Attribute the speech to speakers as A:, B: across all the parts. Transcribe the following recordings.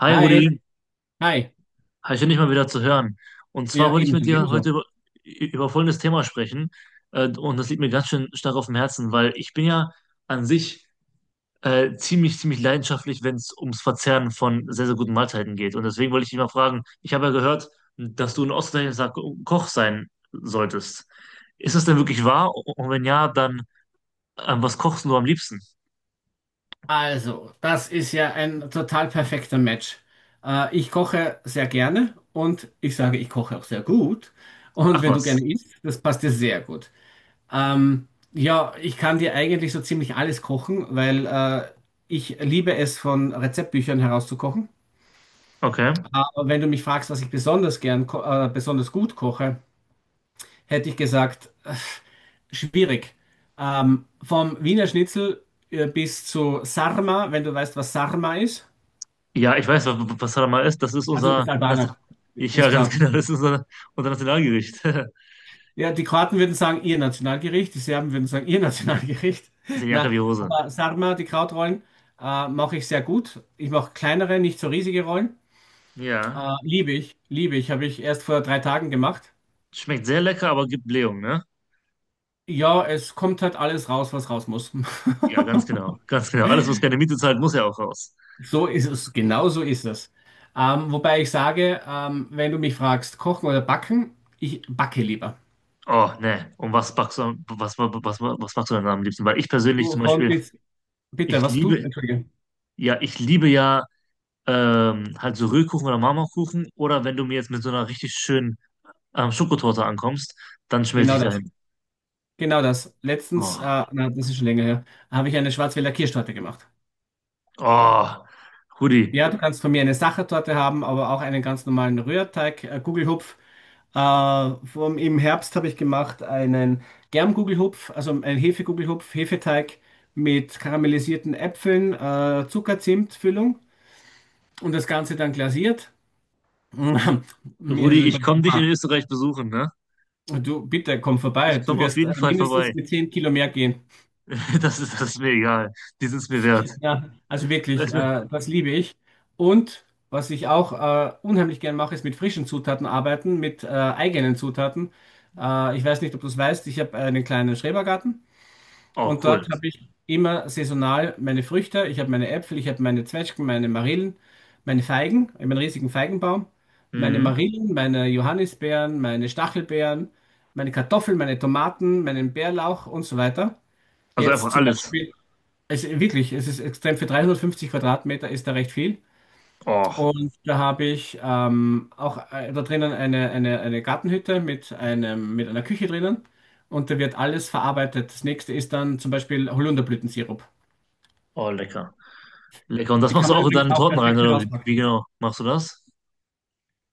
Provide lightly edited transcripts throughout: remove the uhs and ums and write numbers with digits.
A: Hi
B: Hi,
A: Rudi,
B: hi.
A: hi, schön dich mal wieder zu hören. Und zwar
B: Ja,
A: wollte ich
B: ebenso,
A: mit dir heute
B: ebenso.
A: über, über folgendes Thema sprechen. Und das liegt mir ganz schön stark auf dem Herzen, weil ich bin ja an sich ziemlich, ziemlich leidenschaftlich, wenn es ums Verzehren von sehr, sehr guten Mahlzeiten geht. Und deswegen wollte ich dich mal fragen, ich habe ja gehört, dass du ein ausgezeichneter Koch sein solltest. Ist das denn wirklich wahr? Und wenn ja, dann was kochst du am liebsten?
B: Also, das ist ja ein total perfekter Match. Ich koche sehr gerne und ich sage, ich koche auch sehr gut. Und
A: Ach
B: wenn du gerne
A: was.
B: isst, das passt dir sehr gut. Ja, ich kann dir eigentlich so ziemlich alles kochen, weil ich liebe es, von Rezeptbüchern herauszukochen.
A: Okay.
B: Aber wenn du mich fragst, was ich besonders gern, besonders gut koche, hätte ich gesagt, schwierig. Vom Wiener Schnitzel bis zu Sarma, wenn du weißt, was Sarma ist.
A: Ja, ich weiß, was Hadamar ist. Das ist
B: Also du
A: unser,
B: bist Albaner,
A: Ja,
B: ist
A: ganz
B: klar.
A: genau, das ist unser, unser Nationalgericht.
B: Ja, die Kroaten würden sagen, ihr Nationalgericht, die Serben würden sagen, ihr Nationalgericht.
A: Ist ja Jacke
B: Na,
A: wie Hose.
B: aber Sarma, die Krautrollen, mache ich sehr gut. Ich mache kleinere, nicht so riesige Rollen.
A: Ja,
B: Liebe ich, liebe ich, habe ich erst vor 3 Tagen gemacht.
A: schmeckt sehr lecker, aber gibt Blähung, ne?
B: Ja, es kommt halt alles raus, was raus muss.
A: Ja, ganz genau, ganz genau. Alles, was keine Miete zahlt, muss ja auch raus.
B: So ist es, genau so ist es. Wobei ich sage, wenn du mich fragst, kochen oder backen, ich backe lieber.
A: Oh, ne. Und was backst du, was, was backst du denn am liebsten? Weil ich persönlich
B: Du
A: zum
B: von
A: Beispiel,
B: bis, bitte,
A: ich
B: was tust du?
A: liebe,
B: Entschuldige.
A: ja, ich liebe ja halt so Rührkuchen oder Marmorkuchen. Oder wenn du mir jetzt mit so einer richtig schönen Schokotorte ankommst, dann schmelze
B: Genau
A: ich
B: das.
A: dahin.
B: Genau das.
A: Oh,
B: Na, das ist schon länger her, habe ich eine Schwarzwälder Kirschtorte gemacht.
A: oh, Rudi.
B: Ja, du kannst von mir eine Sachertorte haben, aber auch einen ganz normalen Rührteig, Gugelhupf. Im Herbst habe ich gemacht einen Germgugelhupf, also einen Hefegugelhupf, Hefeteig mit karamellisierten Äpfeln, Zucker-Zimt-Füllung. Und das Ganze dann glasiert. Mir
A: Rudi,
B: ist,
A: ich komme dich in Österreich besuchen, ne?
B: du, bitte komm vorbei,
A: Ich
B: du
A: komme auf
B: wirst
A: jeden Fall
B: mindestens
A: vorbei.
B: mit 10 Kilo mehr gehen.
A: Das ist mir egal. Die sind es mir wert.
B: Ja, also
A: Das
B: wirklich,
A: ist mir-
B: das liebe ich. Und was ich auch unheimlich gern mache, ist mit frischen Zutaten arbeiten, mit eigenen Zutaten. Ich weiß nicht, ob du es weißt, ich habe einen kleinen Schrebergarten.
A: Oh,
B: Und
A: cool.
B: dort habe ich immer saisonal meine Früchte. Ich habe meine Äpfel, ich habe meine Zwetschgen, meine Marillen, meine Feigen, ich habe einen riesigen Feigenbaum, meine
A: Mhm.
B: Marillen, meine Johannisbeeren, meine Stachelbeeren, meine Kartoffeln, meine Tomaten, meinen Bärlauch und so weiter.
A: Also
B: Jetzt
A: einfach
B: zum
A: alles.
B: Beispiel, also wirklich, es ist extrem, für 350 Quadratmeter ist da recht viel.
A: Oh,
B: Und da habe ich auch da drinnen eine Gartenhütte mit einem, mit einer Küche drinnen. Und da wird alles verarbeitet. Das nächste ist dann zum Beispiel Holunderblütensirup.
A: oh, lecker. Lecker. Und das
B: Die
A: machst
B: kann
A: du
B: man
A: auch in
B: übrigens
A: deine
B: auch
A: Torten rein,
B: perfekt
A: oder wie, wie
B: herauspacken.
A: genau machst du das?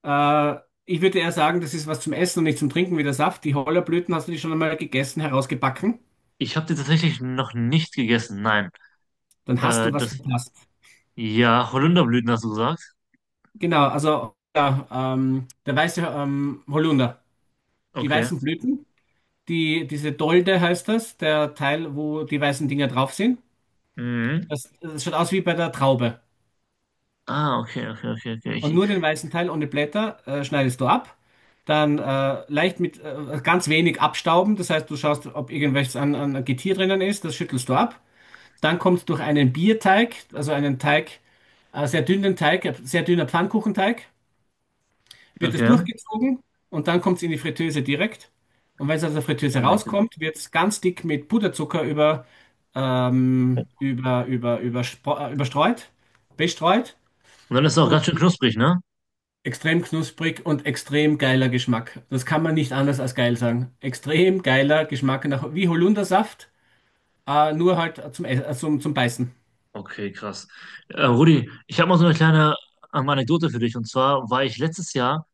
B: Äh, ich würde eher sagen, das ist was zum Essen und nicht zum Trinken wie der Saft. Die Hollerblüten hast du die schon einmal gegessen, herausgebacken.
A: Ich habe die tatsächlich noch nicht gegessen. Nein.
B: Dann hast
A: Äh,
B: du was
A: das,
B: verpasst.
A: ja, Holunderblüten hast du gesagt.
B: Genau, also ja, der weiße Holunder. Die
A: Okay.
B: weißen Blüten, diese Dolde heißt das, der Teil, wo die weißen Dinger drauf sind.
A: Mhm.
B: Das schaut aus wie bei der Traube.
A: Ah, okay, okay, okay, okay.
B: Und nur den weißen Teil ohne Blätter schneidest du ab. Dann leicht mit ganz wenig abstauben. Das heißt, du schaust, ob irgendwelches an Getier drinnen ist. Das schüttelst du ab. Dann kommt durch einen Bierteig, also einen Teig, sehr dünnen Teig, sehr dünner Pfannkuchenteig, wird es
A: Okay.
B: durchgezogen und dann kommt es in die Fritteuse direkt. Und wenn es aus der
A: Oh,
B: Fritteuse
A: lecker.
B: rauskommt, wird es ganz dick mit Puderzucker über, ähm,
A: Und
B: über, über, überspro- äh, überstreut, bestreut.
A: dann ist es auch ganz schön knusprig, ne?
B: Extrem knusprig und extrem geiler Geschmack. Das kann man nicht anders als geil sagen. Extrem geiler Geschmack nach, wie Holundersaft, nur halt zum, zum Beißen.
A: Okay, krass. Rudi, ich habe mal so eine kleine Anekdote für dich. Und zwar war ich letztes Jahr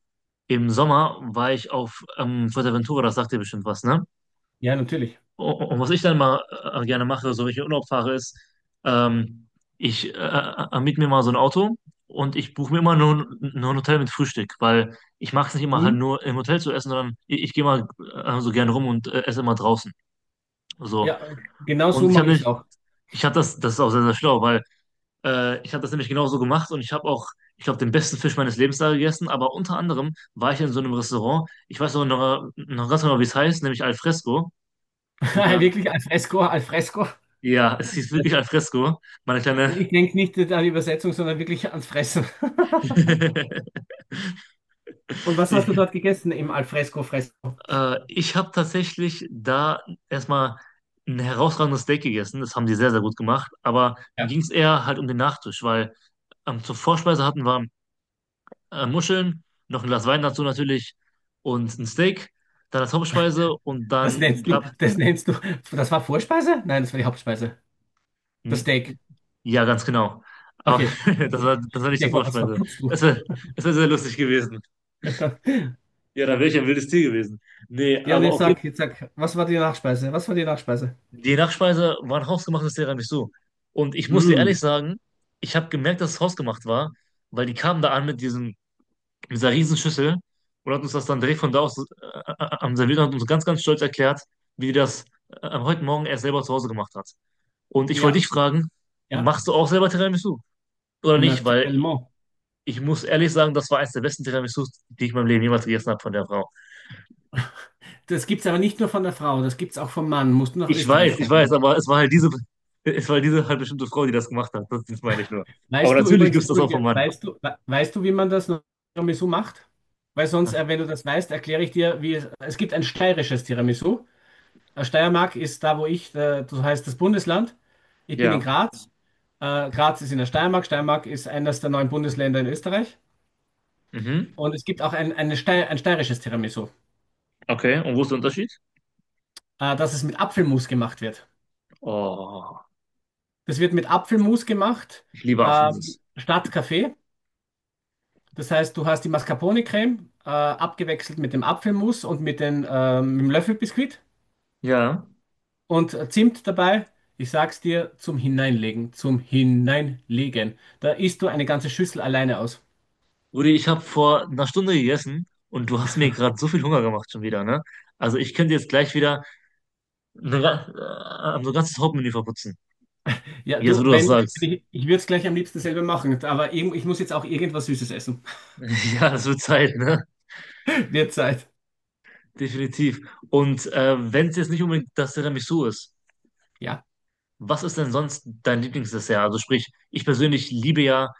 A: im Sommer, war ich auf Fuerteventura, das sagt dir bestimmt was, ne?
B: Ja, natürlich.
A: Und was ich dann mal gerne mache, so wenn ich in Urlaub fahre, ist, ähm, ich miete mir mal so ein Auto und ich buche mir immer nur ein Hotel mit Frühstück, weil ich mag es nicht immer halt
B: Mhm.
A: nur im Hotel zu essen, sondern ich gehe mal so gerne rum und esse immer draußen. So.
B: Ja, genau so
A: Und ich
B: mag
A: habe
B: ich es
A: nicht,
B: auch.
A: ich hab das, das ist auch sehr, sehr schlau, weil ich habe das nämlich genauso gemacht und ich habe auch, ich glaube, den besten Fisch meines Lebens da gegessen. Aber unter anderem war ich in so einem Restaurant. Ich weiß auch noch ganz genau, wie es heißt, nämlich Alfresco. Ja,
B: Wirklich al fresco, al fresco.
A: ja, es hieß wirklich Alfresco, meine kleine.
B: Ich denke nicht an die Übersetzung, sondern wirklich ans Fressen. Und was hast du dort gegessen im al fresco Fressen?
A: Ja. Ich habe tatsächlich da erstmal ein herausragendes Steak gegessen. Das haben die sehr, sehr gut gemacht. Aber mir
B: Ja,
A: ging es eher halt um den Nachtisch, weil zur Vorspeise hatten wir Muscheln, noch ein Glas Wein dazu natürlich und ein Steak, dann als Hauptspeise und
B: das
A: dann
B: nennst du, das nennst du, das war Vorspeise? Nein, das war die Hauptspeise. Das
A: n-
B: Steak.
A: ja, ganz genau. Aber
B: Okay,
A: das war
B: ich
A: nicht die
B: denke mal, was
A: Vorspeise.
B: verputzt du?
A: Es wäre Es wär sehr lustig gewesen. Ja, dann wäre ich ein wildes Tier gewesen. Nee,
B: Ja, und
A: aber
B: jetzt
A: auf jeden
B: sag,
A: Fall,
B: jetzt sag, was war die Nachspeise? Was war die Nachspeise?
A: die Nachspeise war ein hausgemachtes Tiramisu. Und ich muss dir ehrlich
B: Mm,
A: sagen, ich habe gemerkt, dass es hausgemacht war, weil die kamen da an mit diesem mit dieser Riesenschüssel und hat uns das dann direkt von da aus am serviert und hat uns ganz, ganz stolz erklärt, wie das heute Morgen er selber zu Hause gemacht hat. Und ich wollte
B: ja,
A: dich fragen,
B: ja,
A: machst du auch selber Tiramisu oder nicht? Weil
B: natürlich.
A: ich ich muss ehrlich sagen, das war eines der besten Tiramisus, die ich in meinem Leben jemals gegessen habe von der Frau.
B: Das gibt's aber nicht nur von der Frau, das gibt's auch vom Mann. Musst du nach Österreich
A: Ich weiß,
B: kommen.
A: aber es war halt es war halt diese halt bestimmte Frau, die das gemacht hat. Das meine ich nur. Aber
B: Weißt du
A: natürlich
B: übrigens,
A: gibt es das auch vom
B: entschuldige,
A: Mann.
B: weißt du, wie man das Tiramisu macht? Wenn du das weißt, erkläre ich dir, es gibt ein steirisches Tiramisu. Steiermark ist da, wo ich, das heißt das Bundesland. Ich bin in
A: Ja.
B: Graz. Graz ist in der Steiermark. Steiermark ist eines der 9 Bundesländer in Österreich.
A: Mhm.
B: Und es gibt auch ein steirisches Tiramisu.
A: Okay. Und wo ist der Unterschied?
B: Dass es mit Apfelmus gemacht wird.
A: Oh,
B: Das wird mit Apfelmus gemacht,
A: ich liebe
B: ähm,
A: Apfelmus.
B: statt Kaffee. Das heißt, du hast die Mascarpone-Creme abgewechselt mit dem Apfelmus und mit dem Löffelbiskuit
A: Ja.
B: und Zimt dabei. Ich sag's dir, zum Hineinlegen, zum Hineinlegen. Da isst du eine ganze Schüssel alleine aus.
A: Rudi, ich habe vor einer Stunde gegessen und du hast mir gerade so viel Hunger gemacht schon wieder, ne? Also ich könnte jetzt gleich wieder ne, ga- so ein ganzes Hauptmenü verputzen.
B: Ja,
A: Jetzt,
B: du,
A: wo du das
B: wenn
A: sagst.
B: ich, ich würde es gleich am liebsten selber machen, aber ich muss jetzt auch irgendwas Süßes essen.
A: Ja, das wird Zeit, ne?
B: Wird Zeit.
A: Definitiv. Und wenn es jetzt nicht unbedingt das Tiramisu ist,
B: Ja,
A: was ist denn sonst dein Lieblingsdessert? Also sprich, ich persönlich liebe ja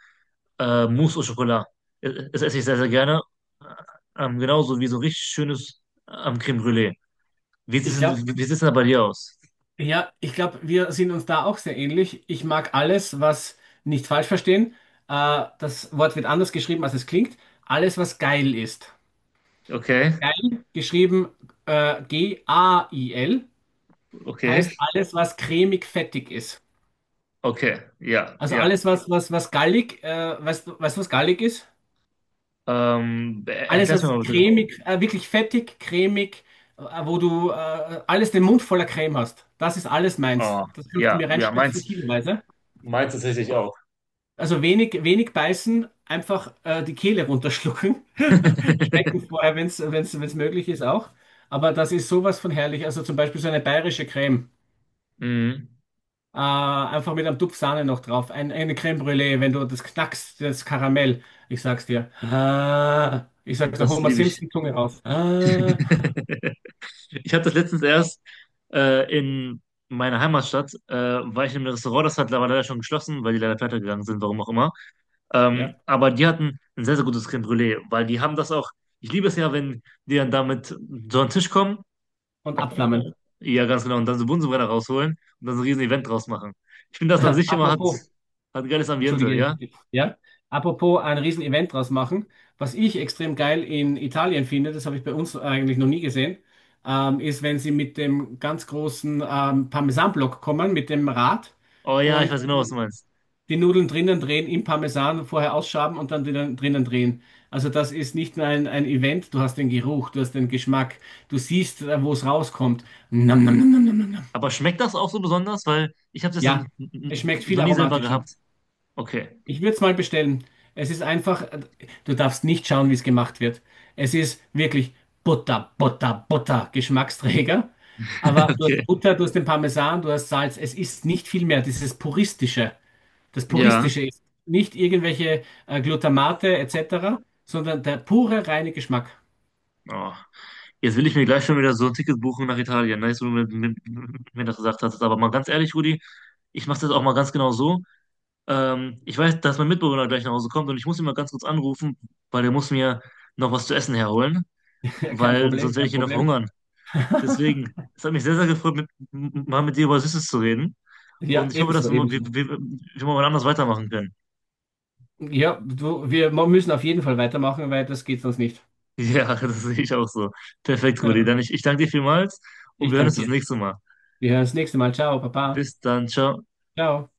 A: Mousse au Chocolat. Das esse ich sehr, sehr gerne. Äh, genauso wie so richtig schönes Crème Brûlée.
B: ich glaube,
A: Wie sieht's denn da bei dir aus?
B: Ja, ich glaube, wir sind uns da auch sehr ähnlich. Ich mag alles, was nicht falsch verstehen. Das Wort wird anders geschrieben, als es klingt. Alles, was geil ist.
A: Okay,
B: Geil, geschrieben G-A-I-L,
A: okay.
B: heißt alles, was cremig-fettig ist.
A: Okay, ja,
B: Also
A: ja.
B: alles, was gallig, weißt du, was gallig ist? Alles,
A: Erklär's mir
B: was
A: mal bitte.
B: cremig, wirklich fettig, cremig, wo du alles den Mund voller Creme hast. Das ist alles meins.
A: Oh,
B: Das kannst du
A: ja,
B: mir
A: ja,
B: reinstopfen,
A: meins.
B: kiloweise.
A: Meins tatsächlich auch.
B: Also wenig, wenig beißen, einfach die Kehle runterschlucken. Schmecken vorher, wenn es wenn's, wenn's möglich ist, auch. Aber das ist sowas von herrlich. Also zum Beispiel so eine bayerische Creme.
A: Mhm.
B: Einfach mit einem Tupf Sahne noch drauf. Eine Creme Brûlée, wenn du das knackst, das Karamell. Ich sag's dir. Ah, ich sag's noch
A: Das
B: Homer
A: liebe ich.
B: Simpson, Zunge raus. Ah,
A: Ich habe das letztens erst in meiner Heimatstadt, war ich in einem Restaurant, das hat leider schon geschlossen, weil die leider pleite gegangen sind, warum auch immer.
B: ja,
A: Aber die hatten ein sehr, sehr gutes Crème Brûlée, weil die haben das auch, ich liebe es ja, wenn die dann damit so an den Tisch kommen
B: und
A: Äh,
B: abflammen.
A: Ja, ganz genau. Und dann so Bunsenbrenner rausholen und dann so ein riesen Event draus machen. Ich finde das an sich immer hat,
B: Apropos,
A: hat ein geiles Ambiente,
B: Entschuldige,
A: ja?
B: ja. Apropos ein Riesen-Event draus machen, was ich extrem geil in Italien finde, das habe ich bei uns eigentlich noch nie gesehen, ist, wenn sie mit dem ganz großen Parmesanblock kommen, mit dem Rad
A: Oh ja, ich
B: und
A: weiß genau, was du meinst.
B: die Nudeln drinnen drehen, im Parmesan vorher ausschaben und dann drinnen drehen. Also das ist nicht nur ein Event, du hast den Geruch, du hast den Geschmack, du siehst, wo es rauskommt. Nam, nam, nam, nam, nam, nam, nam.
A: Aber schmeckt das auch so besonders? Weil ich habe das
B: Ja, es schmeckt viel
A: noch nie selber
B: aromatischer.
A: gehabt. Okay,
B: Ich würde es mal bestellen. Es ist einfach, du darfst nicht schauen, wie es gemacht wird. Es ist wirklich Butter, Butter, Butter, Geschmacksträger. Aber du hast
A: okay.
B: Butter, du hast den Parmesan, du hast Salz. Es ist nicht viel mehr. Dieses Puristische. Das
A: Ja.
B: Puristische ist nicht irgendwelche Glutamate etc., sondern der pure, reine Geschmack.
A: Oh. Jetzt will ich mir gleich schon wieder so ein Ticket buchen nach Italien. Nice, wo du mir das gesagt hast. Aber mal ganz ehrlich, Rudi, ich mache das auch mal ganz genau so. Ich weiß, dass mein Mitbewohner gleich nach Hause kommt und ich muss ihn mal ganz kurz anrufen, weil der muss mir noch was zu essen herholen.
B: Ja, kein
A: Weil
B: Problem,
A: sonst werde ich
B: kein
A: hier noch
B: Problem.
A: verhungern. Deswegen, es hat mich sehr, sehr gefreut, mal mit dir über Süßes zu reden.
B: Ja,
A: Und ich hoffe, dass
B: ebenso, ebenso.
A: wir mal wann anders weitermachen können.
B: Ja, du, müssen auf jeden Fall weitermachen, weil das geht sonst nicht.
A: Ja, das sehe ich auch so. Perfekt, Rudi.
B: Ja,
A: Ich danke dir vielmals und
B: ich
A: wir hören
B: danke
A: uns das
B: dir.
A: nächste Mal.
B: Wir hören das nächste Mal. Ciao, Papa.
A: Bis dann, ciao.
B: Ciao.